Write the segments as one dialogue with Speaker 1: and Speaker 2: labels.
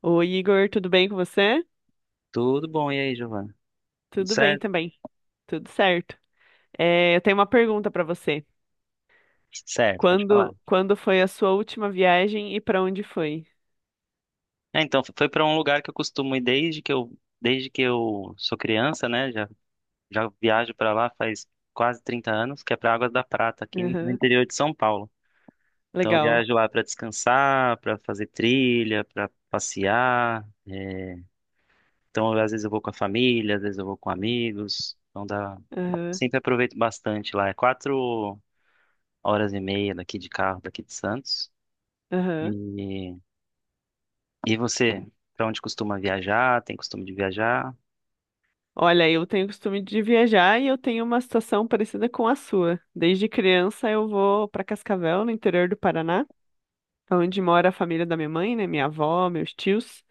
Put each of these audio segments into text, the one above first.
Speaker 1: Oi, Igor, tudo bem com você?
Speaker 2: Tudo bom, e aí, Giovana? Tudo
Speaker 1: Tudo bem
Speaker 2: certo?
Speaker 1: também, tudo certo. É, eu tenho uma pergunta para você.
Speaker 2: Certo, pode falar.
Speaker 1: Quando foi a sua última viagem e para onde foi?
Speaker 2: É, então, foi para um lugar que eu costumo ir desde que eu sou criança, né? Já viajo para lá faz quase 30 anos, que é para Águas da Prata, aqui no
Speaker 1: Aham,
Speaker 2: interior de São Paulo. Então, eu
Speaker 1: legal.
Speaker 2: viajo lá para descansar, para fazer trilha, para passear. Então, às vezes eu vou com a família, às vezes eu vou com amigos.
Speaker 1: Aham,
Speaker 2: Sempre aproveito bastante lá. É 4 horas e meia daqui de carro, daqui de Santos.
Speaker 1: aham.
Speaker 2: E E você, para onde costuma viajar? Tem costume de viajar?
Speaker 1: Olha, eu tenho costume de viajar e eu tenho uma situação parecida com a sua. Desde criança eu vou para Cascavel, no interior do Paraná, onde mora a família da minha mãe, né? Minha avó, meus tios.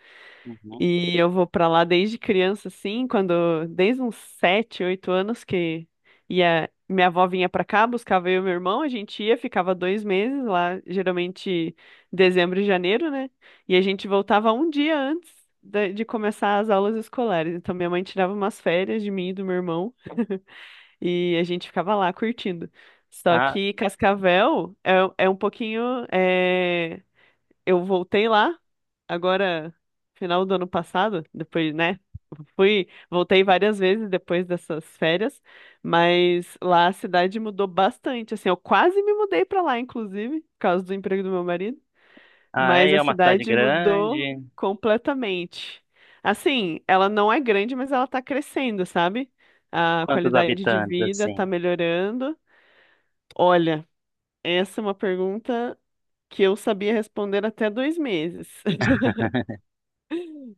Speaker 2: Uhum.
Speaker 1: E eu vou pra lá desde criança, assim, desde uns 7, 8 anos que ia, minha avó vinha pra cá, buscava eu e meu irmão, a gente ia, ficava 2 meses lá, geralmente dezembro e janeiro, né? E a gente voltava um dia antes de começar as aulas escolares. Então minha mãe tirava umas férias de mim e do meu irmão e a gente ficava lá curtindo. Só
Speaker 2: Ah,
Speaker 1: que Cascavel é um pouquinho eh, eu voltei lá, agora, final do ano passado, depois, né? Fui, voltei várias vezes depois dessas férias, mas lá a cidade mudou bastante, assim, eu quase me mudei pra lá, inclusive, por causa do emprego do meu marido,
Speaker 2: ah, é,
Speaker 1: mas a
Speaker 2: é uma cidade
Speaker 1: cidade mudou
Speaker 2: grande.
Speaker 1: completamente. Assim, ela não é grande, mas ela tá crescendo, sabe? A
Speaker 2: Quantos
Speaker 1: qualidade de
Speaker 2: habitantes,
Speaker 1: vida tá
Speaker 2: assim?
Speaker 1: melhorando. Olha, essa é uma pergunta que eu sabia responder até 2 meses.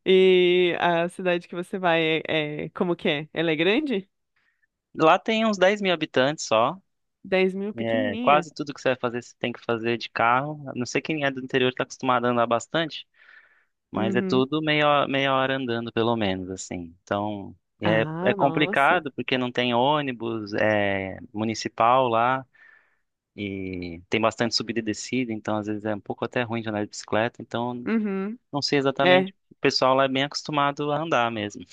Speaker 1: E a cidade que você vai como que é? Ela é grande?
Speaker 2: Lá tem uns 10 mil habitantes só.
Speaker 1: 10 mil,
Speaker 2: É,
Speaker 1: pequenininha.
Speaker 2: quase tudo que você vai fazer, você tem que fazer de carro. A não sei quem é do interior está acostumado a andar bastante, mas é
Speaker 1: Uhum.
Speaker 2: tudo meia hora andando, pelo menos, assim. Então, é, é
Speaker 1: Ah, nossa.
Speaker 2: complicado porque não tem ônibus, é municipal lá. E tem bastante subida e descida, então às vezes é um pouco até ruim de andar de bicicleta. Então
Speaker 1: Uhum.
Speaker 2: não sei exatamente.
Speaker 1: É.
Speaker 2: O pessoal lá é bem acostumado a andar mesmo.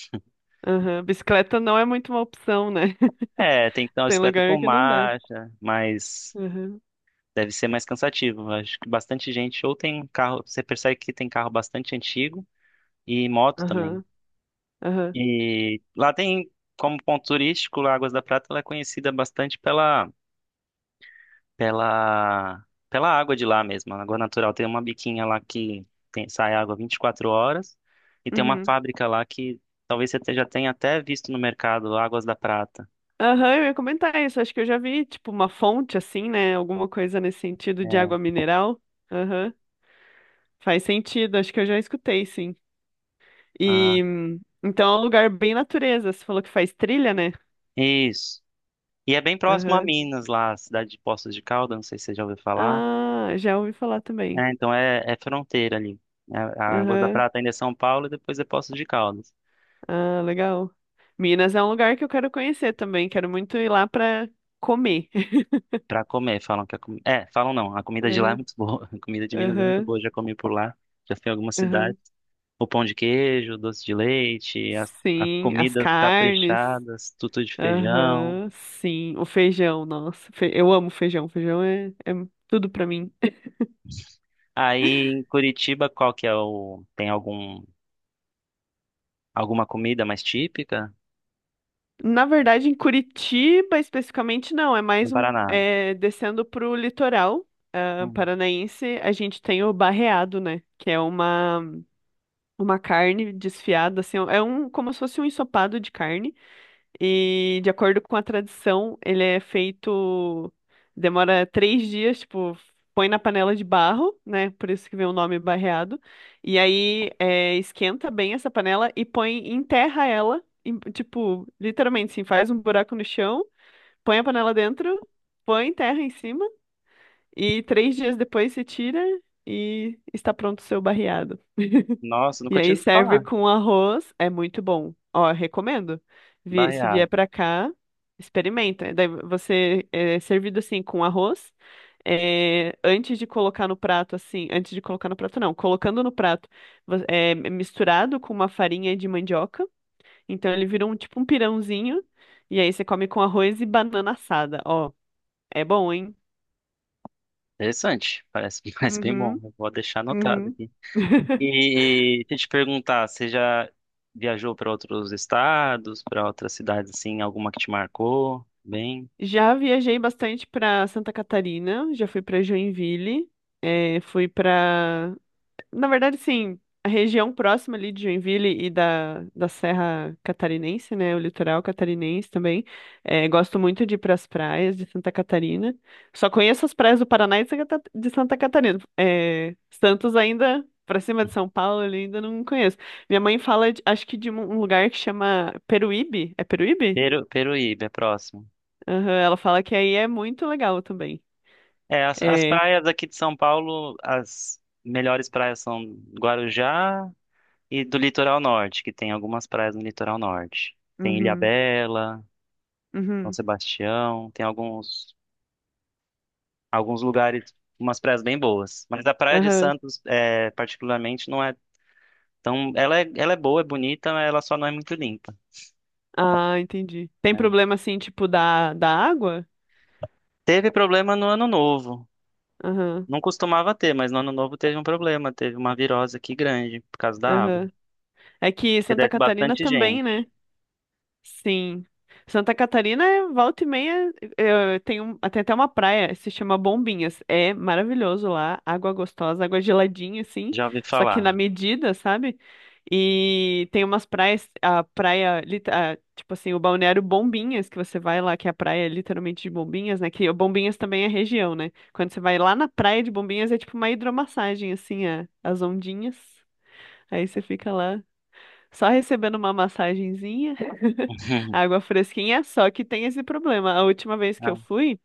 Speaker 1: Uhum. Bicicleta não é muito uma opção, né?
Speaker 2: É, tem que ter uma
Speaker 1: Tem
Speaker 2: bicicleta
Speaker 1: lugar
Speaker 2: com
Speaker 1: que não dá.
Speaker 2: marcha, mas
Speaker 1: Aham,
Speaker 2: deve ser mais cansativo. Acho que bastante gente ou tem carro, você percebe que tem carro bastante antigo e moto também.
Speaker 1: aham, aham,
Speaker 2: E lá tem, como ponto turístico, lá Águas da Prata, ela é conhecida bastante pela pela água de lá mesmo. A água natural tem uma biquinha lá que tem, sai água 24 horas e tem uma
Speaker 1: uhum.
Speaker 2: fábrica lá que talvez você já tenha até visto no mercado, Águas da Prata.
Speaker 1: Aham, eu ia comentar isso. Acho que eu já vi, tipo, uma fonte assim, né? Alguma coisa nesse sentido de
Speaker 2: É.
Speaker 1: água mineral. Aham, faz sentido. Acho que eu já escutei, sim.
Speaker 2: Ah,
Speaker 1: E então é um lugar bem natureza. Você falou que faz trilha, né?
Speaker 2: isso. E é bem próximo a Minas, lá, a cidade de Poços de Caldas, não sei se você já ouviu falar.
Speaker 1: Ah, já ouvi falar também.
Speaker 2: É, então é, é fronteira ali. É, a Água da
Speaker 1: Aham.
Speaker 2: Prata ainda é São Paulo e depois é Poços de Caldas.
Speaker 1: Ah, legal. Minas é um lugar que eu quero conhecer também. Quero muito ir lá pra comer.
Speaker 2: Pra comer, falam que a comida. É, falam não, a comida de lá é
Speaker 1: Aham,
Speaker 2: muito boa. A comida de Minas é muito
Speaker 1: aham,
Speaker 2: boa, já comi por lá, já fui em algumas
Speaker 1: aham.
Speaker 2: cidades. O pão de queijo, o doce de leite, as
Speaker 1: Sim, as
Speaker 2: comidas
Speaker 1: carnes.
Speaker 2: caprichadas, tutu de feijão.
Speaker 1: Aham, sim. O feijão, nossa. Eu amo feijão. Feijão é tudo pra mim.
Speaker 2: Aí em Curitiba, qual que é o. Tem alguma comida mais típica?
Speaker 1: Na verdade, em Curitiba especificamente não, é
Speaker 2: No
Speaker 1: mais um
Speaker 2: Paraná.
Speaker 1: descendo para o litoral
Speaker 2: Hum.
Speaker 1: paranaense, a gente tem o Barreado, né? Que é uma carne desfiada, assim, é um como se fosse um ensopado de carne. E de acordo com a tradição, ele é feito, demora 3 dias, tipo, põe na panela de barro, né? Por isso que vem o nome barreado. E aí esquenta bem essa panela e põe, enterra ela, tipo, literalmente, assim, faz um buraco no chão, põe a panela dentro, põe terra em cima e 3 dias depois se tira e está pronto o seu barreado.
Speaker 2: Nossa,
Speaker 1: E
Speaker 2: nunca tinha
Speaker 1: aí
Speaker 2: ouvido
Speaker 1: serve
Speaker 2: falar.
Speaker 1: com arroz, é muito bom. Ó, recomendo. Se vier
Speaker 2: Baiado.
Speaker 1: pra cá, experimenta. Daí você é servido assim com arroz. Antes de colocar no prato, assim, antes de colocar no prato, não, colocando no prato, é misturado com uma farinha de mandioca. Então ele vira um tipo um pirãozinho. E aí você come com arroz e banana assada. Ó, é bom, hein?
Speaker 2: Interessante. Parece, parece bem bom.
Speaker 1: Uhum,
Speaker 2: Eu vou deixar anotado
Speaker 1: uhum.
Speaker 2: aqui. E deixa eu te perguntar, você já viajou para outros estados, para outras cidades assim, alguma que te marcou? Bem,
Speaker 1: Já viajei bastante para Santa Catarina, já fui para Joinville, fui para, na verdade, sim, a região próxima ali de Joinville e da Serra Catarinense, né, o litoral catarinense também. Gosto muito de ir para as praias de Santa Catarina. Só conheço as praias do Paraná e de de Santa Catarina. Santos ainda para cima de São Paulo, ali ainda não conheço. Minha mãe fala, acho que de um lugar que chama Peruíbe. É Peruíbe?
Speaker 2: Peru, Peruíbe é próximo.
Speaker 1: Aham, ela fala que aí é muito legal também.
Speaker 2: É, as
Speaker 1: É.
Speaker 2: praias aqui de São Paulo, as melhores praias são Guarujá e do litoral norte, que tem algumas praias no litoral norte. Tem
Speaker 1: Uhum,
Speaker 2: Ilhabela, São
Speaker 1: uhum,
Speaker 2: Sebastião, tem alguns lugares, umas praias bem boas. Mas a Praia de
Speaker 1: aham.
Speaker 2: Santos, é, particularmente, não é tão. Ela é boa, é bonita, mas ela só não é muito limpa,
Speaker 1: Ah, entendi. Tem
Speaker 2: né?
Speaker 1: problema assim, tipo, da água?
Speaker 2: Teve problema no Ano Novo.
Speaker 1: Aham,
Speaker 2: Não costumava ter, mas no Ano Novo teve um problema. Teve uma virose aqui grande por causa da água.
Speaker 1: aham. É que
Speaker 2: Que
Speaker 1: Santa
Speaker 2: desce
Speaker 1: Catarina
Speaker 2: bastante
Speaker 1: também,
Speaker 2: gente.
Speaker 1: né? Sim. Santa Catarina, é volta e meia, tem até uma praia, se chama Bombinhas. É maravilhoso lá, água gostosa, água geladinha, assim,
Speaker 2: Já ouvi
Speaker 1: só que
Speaker 2: falar.
Speaker 1: na medida, sabe? E tem umas praias, a praia, a, tipo assim, o balneário Bombinhas, que você vai lá, que é a praia literalmente de Bombinhas, né? Que o Bombinhas também é região, né? Quando você vai lá na praia de Bombinhas, é tipo uma hidromassagem, assim, as ondinhas. Aí você fica lá. Só recebendo uma massagenzinha, água fresquinha, só que tem esse problema. A última vez que
Speaker 2: Ah,
Speaker 1: eu fui,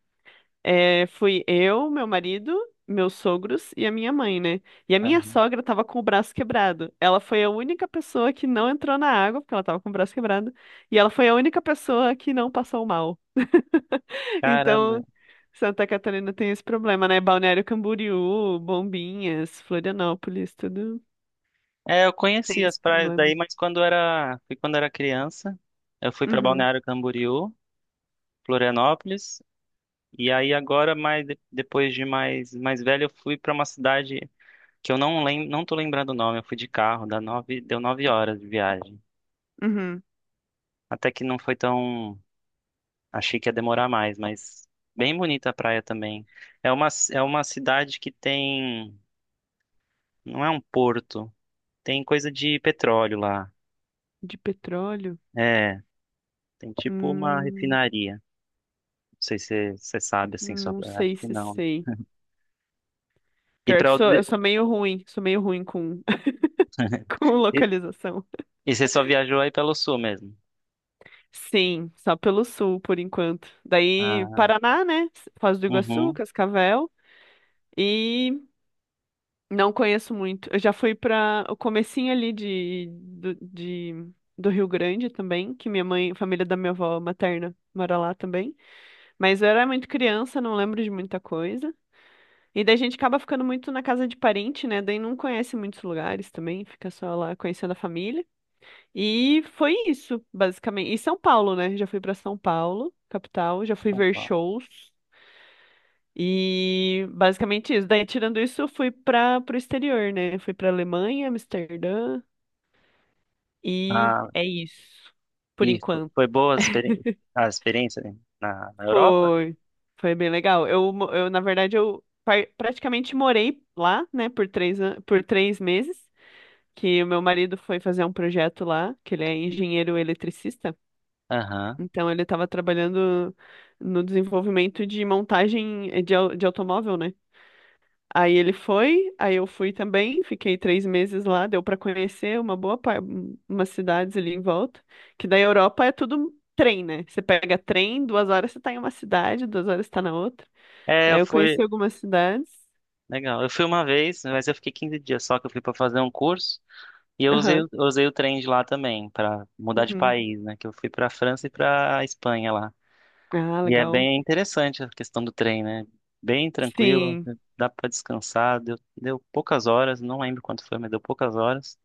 Speaker 1: fui eu, meu marido, meus sogros e a minha mãe, né? E a minha
Speaker 2: ah.
Speaker 1: sogra tava com o braço quebrado. Ela foi a única pessoa que não entrou na água, porque ela tava com o braço quebrado, e ela foi a única pessoa que não passou mal.
Speaker 2: Caramba.
Speaker 1: Então, Santa Catarina tem esse problema, né? Balneário Camboriú, Bombinhas, Florianópolis, tudo
Speaker 2: É, eu
Speaker 1: tem
Speaker 2: conheci as
Speaker 1: esse
Speaker 2: praias
Speaker 1: problema.
Speaker 2: daí, mas quando era, foi quando era criança, eu fui para
Speaker 1: Uhum,
Speaker 2: Balneário Camboriú, Florianópolis. E aí agora, mais depois de mais velho, eu fui para uma cidade que eu não tô lembrando o nome. Eu fui de carro, deu 9 horas de viagem.
Speaker 1: uhum.
Speaker 2: Até que não foi tão, achei que ia demorar mais, mas bem bonita a praia também. É uma cidade que tem, não é um porto, tem coisa de petróleo lá.
Speaker 1: De petróleo.
Speaker 2: É, tem tipo uma
Speaker 1: Hum,
Speaker 2: refinaria. Não sei se você sabe assim, só
Speaker 1: não sei
Speaker 2: acho que
Speaker 1: se
Speaker 2: não.
Speaker 1: sei.
Speaker 2: E
Speaker 1: Pior
Speaker 2: para
Speaker 1: que sou, eu sou meio ruim com, com
Speaker 2: e,
Speaker 1: localização.
Speaker 2: e você só viajou aí pelo sul mesmo.
Speaker 1: Sim, só pelo sul, por enquanto. Daí,
Speaker 2: Ah,
Speaker 1: Paraná, né? Foz do Iguaçu,
Speaker 2: uhum.
Speaker 1: Cascavel. E não conheço muito. Eu já fui para o comecinho ali do Rio Grande também, que minha mãe, a família da minha avó materna mora lá também. Mas eu era muito criança, não lembro de muita coisa. E daí a gente acaba ficando muito na casa de parente, né? Daí não conhece muitos lugares também, fica só lá conhecendo a família. E foi isso, basicamente. E São Paulo, né? Já fui pra São Paulo, capital, já fui ver shows. E basicamente isso. Daí, tirando isso, eu fui para pro exterior, né? Fui pra Alemanha, Amsterdã. E
Speaker 2: Ah,
Speaker 1: é isso, por
Speaker 2: e
Speaker 1: enquanto.
Speaker 2: foi boa a experiência, né, na, na Europa?
Speaker 1: Foi, foi bem legal. Eu na verdade, eu praticamente morei lá, né, por 3 meses. Que o meu marido foi fazer um projeto lá, que ele é engenheiro eletricista.
Speaker 2: Aham.
Speaker 1: Então ele estava trabalhando no desenvolvimento de montagem de automóvel, né? Aí ele foi, aí eu fui também, fiquei 3 meses lá, deu para conhecer umas cidades ali em volta, que da Europa é tudo trem, né? Você pega trem, 2 horas você tá em uma cidade, 2 horas você tá na outra.
Speaker 2: É,
Speaker 1: Aí
Speaker 2: eu
Speaker 1: eu
Speaker 2: fui.
Speaker 1: conheci algumas cidades.
Speaker 2: Legal. Eu fui uma vez, mas eu fiquei 15 dias só que eu fui para fazer um curso. E
Speaker 1: Aham.
Speaker 2: eu usei o trem de lá também, para mudar de
Speaker 1: Uhum.
Speaker 2: país, né? Que eu fui para França e para Espanha lá.
Speaker 1: Ah,
Speaker 2: E é
Speaker 1: legal.
Speaker 2: bem interessante a questão do trem, né? Bem tranquilo,
Speaker 1: Sim.
Speaker 2: dá para descansar. Deu poucas horas, não lembro quanto foi, mas deu poucas horas.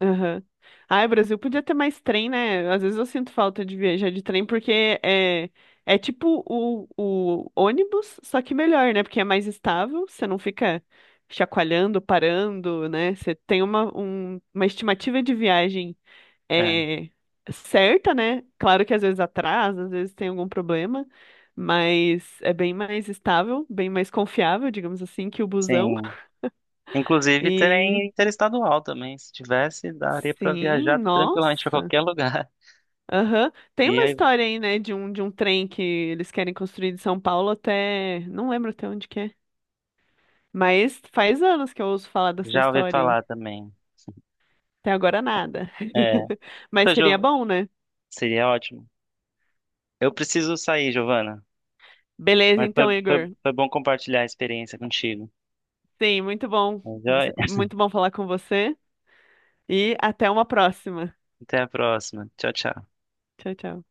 Speaker 1: Aham. Ai, o Brasil podia ter mais trem, né? Às vezes eu sinto falta de viajar de trem, porque é tipo o ônibus, só que melhor, né? Porque é mais estável, você não fica chacoalhando, parando, né? Você tem uma estimativa de viagem
Speaker 2: É,
Speaker 1: é, certa, né? Claro que às vezes atrasa, às vezes tem algum problema, mas é bem mais estável, bem mais confiável, digamos assim, que o busão.
Speaker 2: sim. Inclusive,
Speaker 1: E
Speaker 2: trem interestadual também. Se tivesse, daria para
Speaker 1: sim,
Speaker 2: viajar tranquilamente para
Speaker 1: nossa.
Speaker 2: qualquer lugar.
Speaker 1: Aham. Tem
Speaker 2: E
Speaker 1: uma
Speaker 2: aí,
Speaker 1: história aí, né, de um trem que eles querem construir de São Paulo até. Não lembro até onde que é. Mas faz anos que eu ouço falar dessa
Speaker 2: já ouvi
Speaker 1: história aí.
Speaker 2: falar também.
Speaker 1: Até agora nada.
Speaker 2: É.
Speaker 1: Mas
Speaker 2: Então,
Speaker 1: seria
Speaker 2: Giov...
Speaker 1: bom, né?
Speaker 2: Seria ótimo. Eu preciso sair, Giovana.
Speaker 1: Beleza,
Speaker 2: Mas
Speaker 1: então, Igor.
Speaker 2: foi bom compartilhar a experiência contigo.
Speaker 1: Sim, muito bom.
Speaker 2: Mas, ó,
Speaker 1: Muito bom falar com você. E até uma próxima.
Speaker 2: até a próxima. Tchau, tchau.
Speaker 1: Tchau, tchau.